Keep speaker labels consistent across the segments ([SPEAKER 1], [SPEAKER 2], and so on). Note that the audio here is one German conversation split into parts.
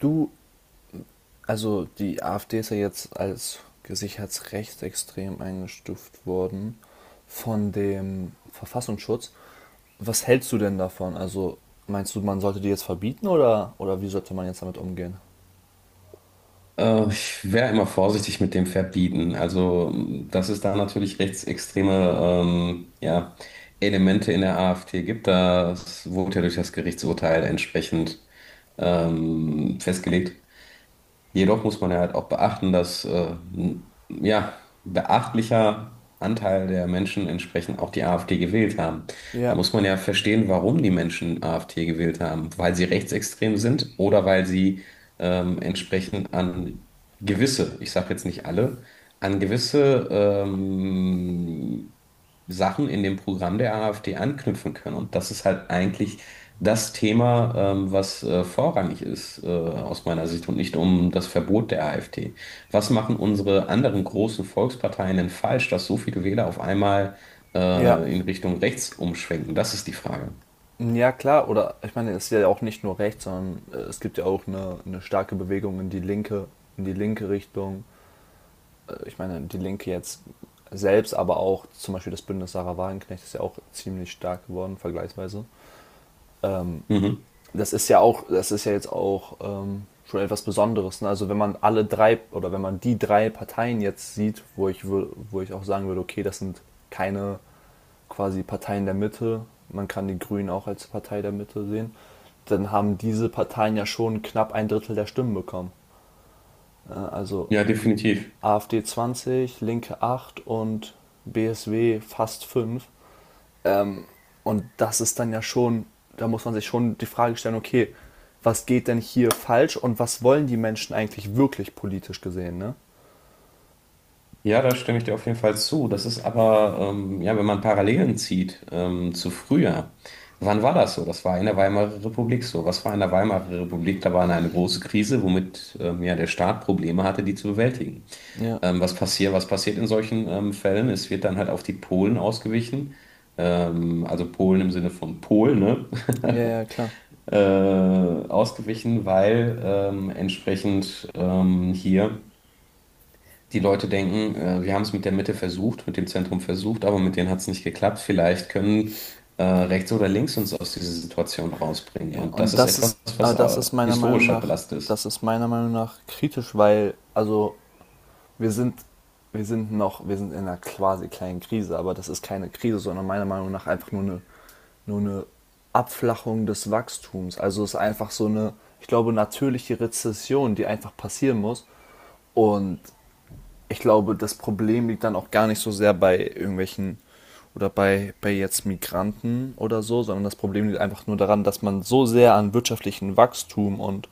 [SPEAKER 1] Du, also die AfD ist ja jetzt als gesichert rechtsextrem eingestuft worden von dem Verfassungsschutz. Was hältst du denn davon? Also meinst du, man sollte die jetzt verbieten oder wie sollte man jetzt damit umgehen?
[SPEAKER 2] Ich wäre immer vorsichtig mit dem Verbieten. Also dass es da natürlich rechtsextreme ja, Elemente in der AfD gibt, das wurde ja durch das Gerichtsurteil entsprechend festgelegt. Jedoch muss man ja halt auch beachten, dass ja, beachtlicher Anteil der Menschen entsprechend auch die AfD gewählt haben. Da
[SPEAKER 1] Ja,
[SPEAKER 2] muss man ja verstehen, warum die Menschen AfD gewählt haben. Weil sie rechtsextrem sind oder weil sie entsprechend an gewisse, ich sage jetzt nicht alle, an gewisse Sachen in dem Programm der AfD anknüpfen können. Und das ist halt eigentlich das Thema, was vorrangig ist aus meiner Sicht und nicht um das Verbot der AfD. Was machen unsere anderen großen Volksparteien denn falsch, dass so viele Wähler auf einmal
[SPEAKER 1] ja.
[SPEAKER 2] in Richtung rechts umschwenken? Das ist die Frage.
[SPEAKER 1] Ja, klar. Oder ich meine, es ist ja auch nicht nur rechts, sondern es gibt ja auch eine starke Bewegung in die linke, Richtung. Ich meine, die Linke jetzt selbst, aber auch zum Beispiel das Bündnis Sarah Wagenknecht ist ja auch ziemlich stark geworden, vergleichsweise. Ähm,
[SPEAKER 2] Mhm.
[SPEAKER 1] Das ist ja auch, das ist ja jetzt auch schon etwas Besonderes. Ne? Also wenn man alle drei oder wenn man die drei Parteien jetzt sieht, wo ich auch sagen würde, okay, das sind keine quasi Parteien der Mitte, man kann die Grünen auch als Partei der Mitte sehen, dann haben diese Parteien ja schon knapp ein Drittel der Stimmen bekommen. Also
[SPEAKER 2] Ja, definitiv.
[SPEAKER 1] AfD 20, Linke 8 und BSW fast 5. Und das ist dann ja schon, da muss man sich schon die Frage stellen, okay, was geht denn hier falsch und was wollen die Menschen eigentlich wirklich politisch gesehen, ne?
[SPEAKER 2] Ja, da stimme ich dir auf jeden Fall zu. Das ist aber, ja, wenn man Parallelen zieht zu früher, wann war das so? Das war in der Weimarer Republik so. Was war in der Weimarer Republik? Da war eine große Krise, womit ja, der Staat Probleme hatte, die zu bewältigen.
[SPEAKER 1] Ja,
[SPEAKER 2] Was passiert, was passiert in solchen Fällen? Es wird dann halt auf die Polen ausgewichen. Also Polen im Sinne von Polen, ne?
[SPEAKER 1] ja, ja, klar.
[SPEAKER 2] äh, ausgewichen, weil entsprechend hier die Leute denken, wir haben es mit der Mitte versucht, mit dem Zentrum versucht, aber mit denen hat es nicht geklappt. Vielleicht können rechts oder links uns aus dieser Situation rausbringen.
[SPEAKER 1] Ja,
[SPEAKER 2] Und das
[SPEAKER 1] und
[SPEAKER 2] ist
[SPEAKER 1] das
[SPEAKER 2] etwas,
[SPEAKER 1] ist,
[SPEAKER 2] was
[SPEAKER 1] aber das ist meiner Meinung
[SPEAKER 2] historisch halt
[SPEAKER 1] nach,
[SPEAKER 2] belastet
[SPEAKER 1] das
[SPEAKER 2] ist.
[SPEAKER 1] ist meiner Meinung nach kritisch, weil, also wir sind, wir sind in einer quasi kleinen Krise, aber das ist keine Krise, sondern meiner Meinung nach einfach nur eine Abflachung des Wachstums. Also es ist einfach so eine, ich glaube, natürliche Rezession, die einfach passieren muss. Und ich glaube, das Problem liegt dann auch gar nicht so sehr bei irgendwelchen oder bei jetzt Migranten oder so, sondern das Problem liegt einfach nur daran, dass man so sehr an wirtschaftlichen Wachstum und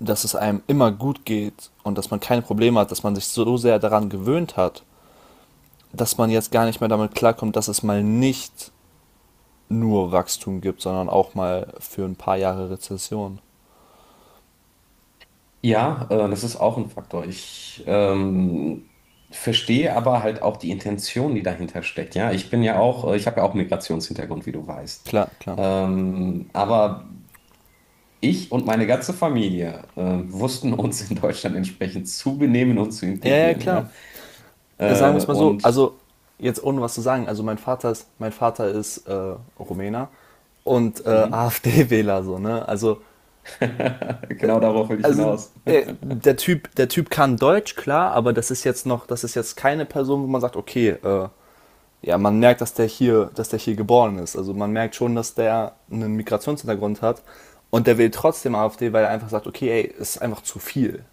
[SPEAKER 1] dass es einem immer gut geht und dass man keine Probleme hat, dass man sich so sehr daran gewöhnt hat, dass man jetzt gar nicht mehr damit klarkommt, dass es mal nicht nur Wachstum gibt, sondern auch mal für ein paar Jahre Rezession.
[SPEAKER 2] Ja, das ist auch ein Faktor. Ich verstehe aber halt auch die Intention, die dahinter steckt. Ja, ich bin ja auch, ich habe ja auch Migrationshintergrund, wie du weißt.
[SPEAKER 1] Klar, klar.
[SPEAKER 2] Aber ich und meine ganze Familie wussten uns in Deutschland entsprechend zu benehmen und zu
[SPEAKER 1] Ja, ja,
[SPEAKER 2] integrieren.
[SPEAKER 1] klar.
[SPEAKER 2] Ja,
[SPEAKER 1] Sagen wir es mal so,
[SPEAKER 2] und
[SPEAKER 1] also jetzt ohne was zu sagen, also mein Vater ist Rumäner und
[SPEAKER 2] mhm.
[SPEAKER 1] AfD-Wähler so, ne? Also,
[SPEAKER 2] Genau darauf will ich
[SPEAKER 1] also
[SPEAKER 2] hinaus.
[SPEAKER 1] der Typ kann Deutsch, klar, aber das ist jetzt keine Person, wo man sagt, okay, ja, man merkt, dass der hier geboren ist. Also man merkt schon, dass der einen Migrationshintergrund hat und der will trotzdem AfD, weil er einfach sagt, okay, ey, ist einfach zu viel.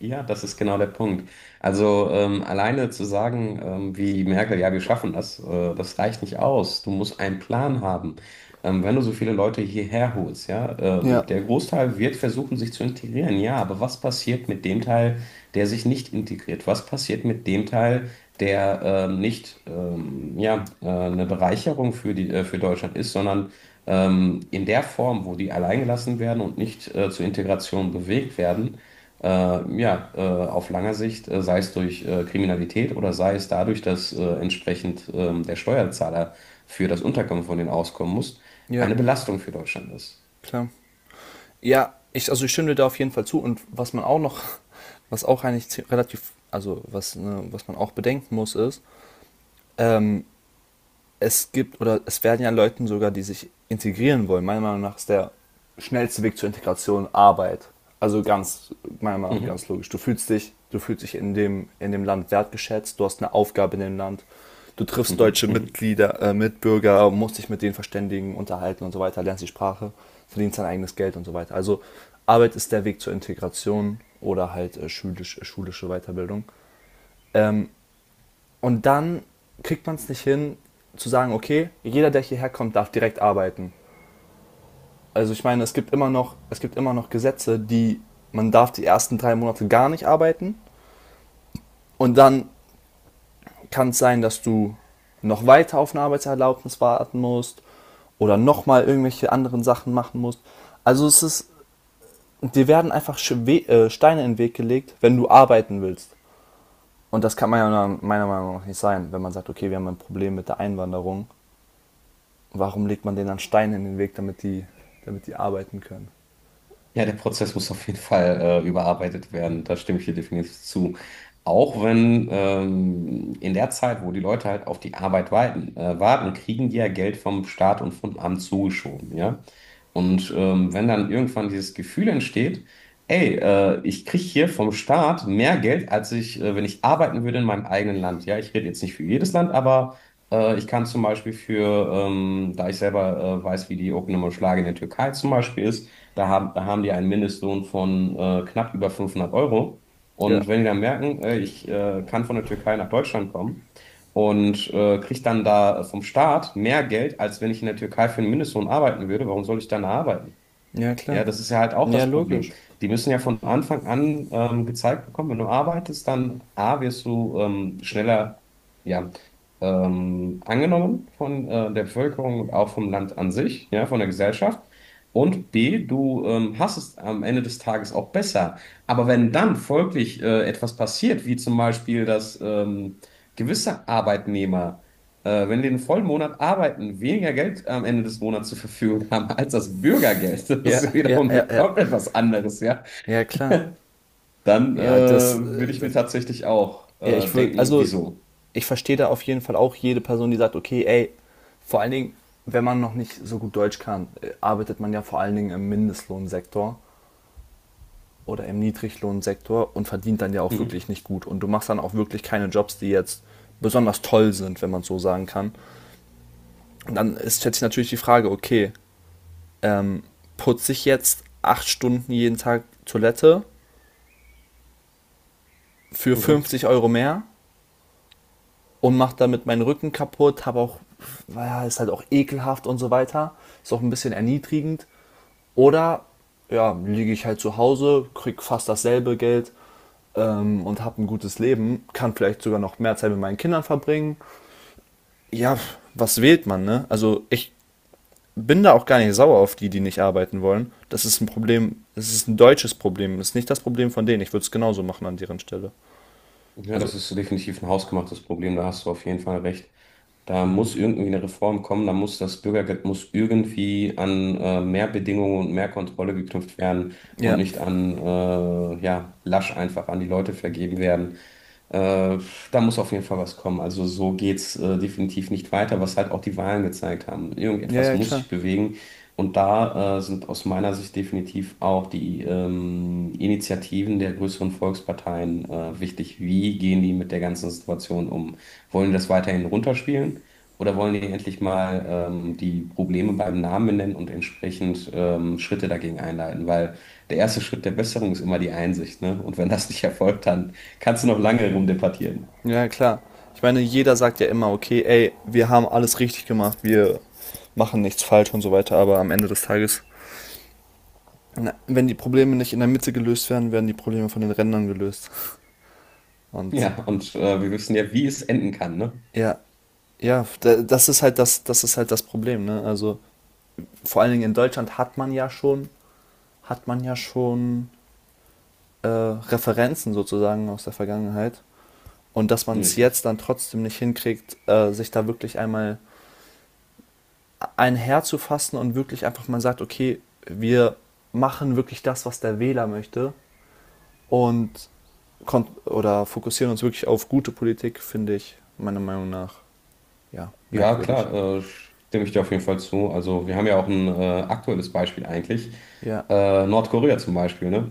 [SPEAKER 2] Ja, das ist genau der Punkt. Also alleine zu sagen, wie Merkel, ja, wir schaffen das, das reicht nicht aus. Du musst einen Plan haben. Wenn du so viele Leute hierher holst, ja,
[SPEAKER 1] Ja.
[SPEAKER 2] der Großteil wird versuchen, sich zu integrieren, ja, aber was passiert mit dem Teil, der sich nicht integriert? Was passiert mit dem Teil, der nicht ja, eine Bereicherung für für Deutschland ist, sondern in der Form, wo die alleingelassen werden und nicht zur Integration bewegt werden? äh, ja, äh, auf lange Sicht, sei es durch Kriminalität oder sei es dadurch, dass entsprechend der Steuerzahler für das Unterkommen von denen auskommen muss,
[SPEAKER 1] Ja,
[SPEAKER 2] eine Belastung für Deutschland ist.
[SPEAKER 1] klar. Ja, also ich stimme dir da auf jeden Fall zu und was man auch noch, was auch eigentlich relativ, also was, ne, was man auch bedenken muss, ist, ähm, es gibt oder es werden ja Leuten sogar, die sich integrieren wollen. Meiner Meinung nach ist der schnellste Weg zur Integration Arbeit. Also ganz, meiner Meinung nach
[SPEAKER 2] Mhm.
[SPEAKER 1] ganz logisch. Du fühlst dich in dem Land wertgeschätzt, du hast eine Aufgabe in dem Land, du triffst
[SPEAKER 2] Mhm.
[SPEAKER 1] deutsche
[SPEAKER 2] Mhm.
[SPEAKER 1] Mitglieder, Mitbürger, musst dich mit denen verständigen, unterhalten und so weiter, lernst die Sprache, verdienst dein eigenes Geld und so weiter. Also Arbeit ist der Weg zur Integration oder halt schulische Weiterbildung. Ähm, und dann kriegt man es nicht hin, zu sagen, okay, jeder, der hierher kommt, darf direkt arbeiten. Also ich meine, es gibt immer noch Gesetze, die man darf die ersten 3 Monate gar nicht arbeiten und dann kann es sein, dass du noch weiter auf eine Arbeitserlaubnis warten musst oder nochmal irgendwelche anderen Sachen machen musst. Also es ist, dir werden einfach Steine in den Weg gelegt, wenn du arbeiten willst. Und das kann man ja meiner Meinung nach nicht sein, wenn man sagt, okay, wir haben ein Problem mit der Einwanderung. Warum legt man denen dann Steine in den Weg, damit die arbeiten können?
[SPEAKER 2] Ja, der Prozess muss auf jeden Fall überarbeitet werden. Da stimme ich dir definitiv zu. Auch wenn in der Zeit, wo die Leute halt auf die Arbeit warten, kriegen die ja Geld vom Staat und vom Amt zugeschoben, ja. Und wenn dann irgendwann dieses Gefühl entsteht, ich kriege hier vom Staat mehr Geld, als wenn ich arbeiten würde in meinem eigenen Land. Ja, ich rede jetzt nicht für jedes Land, aber ich kann zum Beispiel da ich selber weiß, wie die Okunuma Schlage in der Türkei zum Beispiel ist, da haben die einen Mindestlohn von knapp über 500 Euro.
[SPEAKER 1] Ja.
[SPEAKER 2] Und wenn die dann merken, ich kann von der Türkei nach Deutschland kommen und kriege dann da vom Staat mehr Geld, als wenn ich in der Türkei für einen Mindestlohn arbeiten würde, warum soll ich dann da arbeiten?
[SPEAKER 1] Ja, klar.
[SPEAKER 2] Ja, das ist ja halt auch
[SPEAKER 1] Ja,
[SPEAKER 2] das Problem.
[SPEAKER 1] logisch.
[SPEAKER 2] Die müssen ja von Anfang an gezeigt bekommen, wenn du arbeitest, dann A, wirst du schneller ja, angenommen von der Bevölkerung und auch vom Land an sich, ja, von der Gesellschaft. Und B, du hast es am Ende des Tages auch besser. Aber wenn dann folglich etwas passiert, wie zum Beispiel, dass gewisse Arbeitnehmer wenn die den vollen Monat arbeiten, weniger Geld am Ende des Monats zur Verfügung haben als das Bürgergeld, das
[SPEAKER 1] Ja,
[SPEAKER 2] ist
[SPEAKER 1] ja, ja,
[SPEAKER 2] wiederum
[SPEAKER 1] ja.
[SPEAKER 2] komplett was anderes, ja,
[SPEAKER 1] Ja, klar.
[SPEAKER 2] dann
[SPEAKER 1] Ja, das,
[SPEAKER 2] würde ich mir
[SPEAKER 1] das
[SPEAKER 2] tatsächlich auch
[SPEAKER 1] ja, ich würde,
[SPEAKER 2] denken,
[SPEAKER 1] also,
[SPEAKER 2] wieso?
[SPEAKER 1] ich verstehe da auf jeden Fall auch jede Person, die sagt, okay, ey, vor allen Dingen, wenn man noch nicht so gut Deutsch kann, arbeitet man ja vor allen Dingen im Mindestlohnsektor oder im Niedriglohnsektor und verdient dann ja auch wirklich
[SPEAKER 2] Mhm.
[SPEAKER 1] nicht gut. Und du machst dann auch wirklich keine Jobs, die jetzt besonders toll sind, wenn man es so sagen kann. Und dann ist jetzt natürlich die Frage, okay, ähm, putze ich jetzt 8 Stunden jeden Tag Toilette für
[SPEAKER 2] Mhm.
[SPEAKER 1] 50 € mehr und mache damit meinen Rücken kaputt, habe auch, naja, ist halt auch ekelhaft und so weiter, ist auch ein bisschen erniedrigend. Oder ja, liege ich halt zu Hause, kriege fast dasselbe Geld und habe ein gutes Leben, kann vielleicht sogar noch mehr Zeit mit meinen Kindern verbringen. Ja, was wählt man, ne? Also ich bin da auch gar nicht sauer auf die, die nicht arbeiten wollen. Das ist ein Problem, es ist ein deutsches Problem, das ist nicht das Problem von denen. Ich würde es genauso machen an deren Stelle.
[SPEAKER 2] Ja, das
[SPEAKER 1] Also,
[SPEAKER 2] ist definitiv ein hausgemachtes Problem, da hast du auf jeden Fall recht. Da muss irgendwie eine Reform kommen, da muss das Bürgergeld muss irgendwie an mehr Bedingungen und mehr Kontrolle geknüpft werden und
[SPEAKER 1] ja.
[SPEAKER 2] nicht an ja, lasch einfach an die Leute vergeben werden. Äh, Da muss auf jeden Fall was kommen. Also so geht's definitiv nicht weiter, was halt auch die Wahlen gezeigt haben.
[SPEAKER 1] Ja,
[SPEAKER 2] Irgendetwas
[SPEAKER 1] ja,
[SPEAKER 2] muss
[SPEAKER 1] klar.
[SPEAKER 2] sich bewegen. Und da sind aus meiner Sicht definitiv auch die Initiativen der größeren Volksparteien wichtig. Wie gehen die mit der ganzen Situation um? Wollen die das weiterhin runterspielen? Oder wollen die endlich mal die Probleme beim Namen benennen und entsprechend Schritte dagegen einleiten? Weil der erste Schritt der Besserung ist immer die Einsicht, ne? Und wenn das nicht erfolgt, dann kannst du noch lange rumdebattieren.
[SPEAKER 1] Ja, ja, klar. Ich meine, jeder sagt ja immer, okay, ey, wir haben alles richtig gemacht, wir machen nichts falsch und so weiter, aber am Ende des Tages, na, wenn die Probleme nicht in der Mitte gelöst werden, werden die Probleme von den Rändern gelöst. Und
[SPEAKER 2] Ja, und wir wissen ja, wie es enden kann, ne?
[SPEAKER 1] ja, ja, das ist halt das, das ist halt das Problem, ne? Also vor allen Dingen in Deutschland hat man ja schon Referenzen sozusagen aus der Vergangenheit. Und dass man es
[SPEAKER 2] Richtig.
[SPEAKER 1] jetzt dann trotzdem nicht hinkriegt, sich da wirklich einmal ein Herz zu fassen und wirklich einfach mal sagt, okay, wir machen wirklich das, was der Wähler möchte und oder fokussieren uns wirklich auf gute Politik, finde ich meiner Meinung nach ja
[SPEAKER 2] Ja,
[SPEAKER 1] merkwürdig.
[SPEAKER 2] klar, äh, stimme ich dir auf jeden Fall zu. Also wir haben ja auch ein aktuelles Beispiel eigentlich.
[SPEAKER 1] Ja,
[SPEAKER 2] Nordkorea zum Beispiel, ne?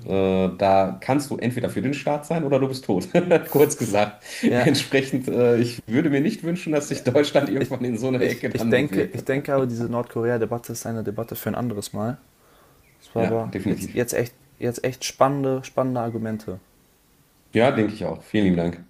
[SPEAKER 2] Da kannst du entweder für den Staat sein oder du bist tot. Kurz gesagt.
[SPEAKER 1] ja,
[SPEAKER 2] Entsprechend, ich würde mir nicht wünschen, dass
[SPEAKER 1] ja.
[SPEAKER 2] sich Deutschland
[SPEAKER 1] Ich,
[SPEAKER 2] irgendwann in so eine
[SPEAKER 1] ich,
[SPEAKER 2] Ecke
[SPEAKER 1] ich
[SPEAKER 2] dann
[SPEAKER 1] denke,
[SPEAKER 2] bewegt.
[SPEAKER 1] ich denke aber diese Nordkorea-Debatte ist eine Debatte für ein anderes Mal. Es war
[SPEAKER 2] Ja,
[SPEAKER 1] aber jetzt,
[SPEAKER 2] definitiv.
[SPEAKER 1] jetzt echt, jetzt echt spannende, spannende Argumente.
[SPEAKER 2] Ja, denke ich auch. Vielen lieben Dank.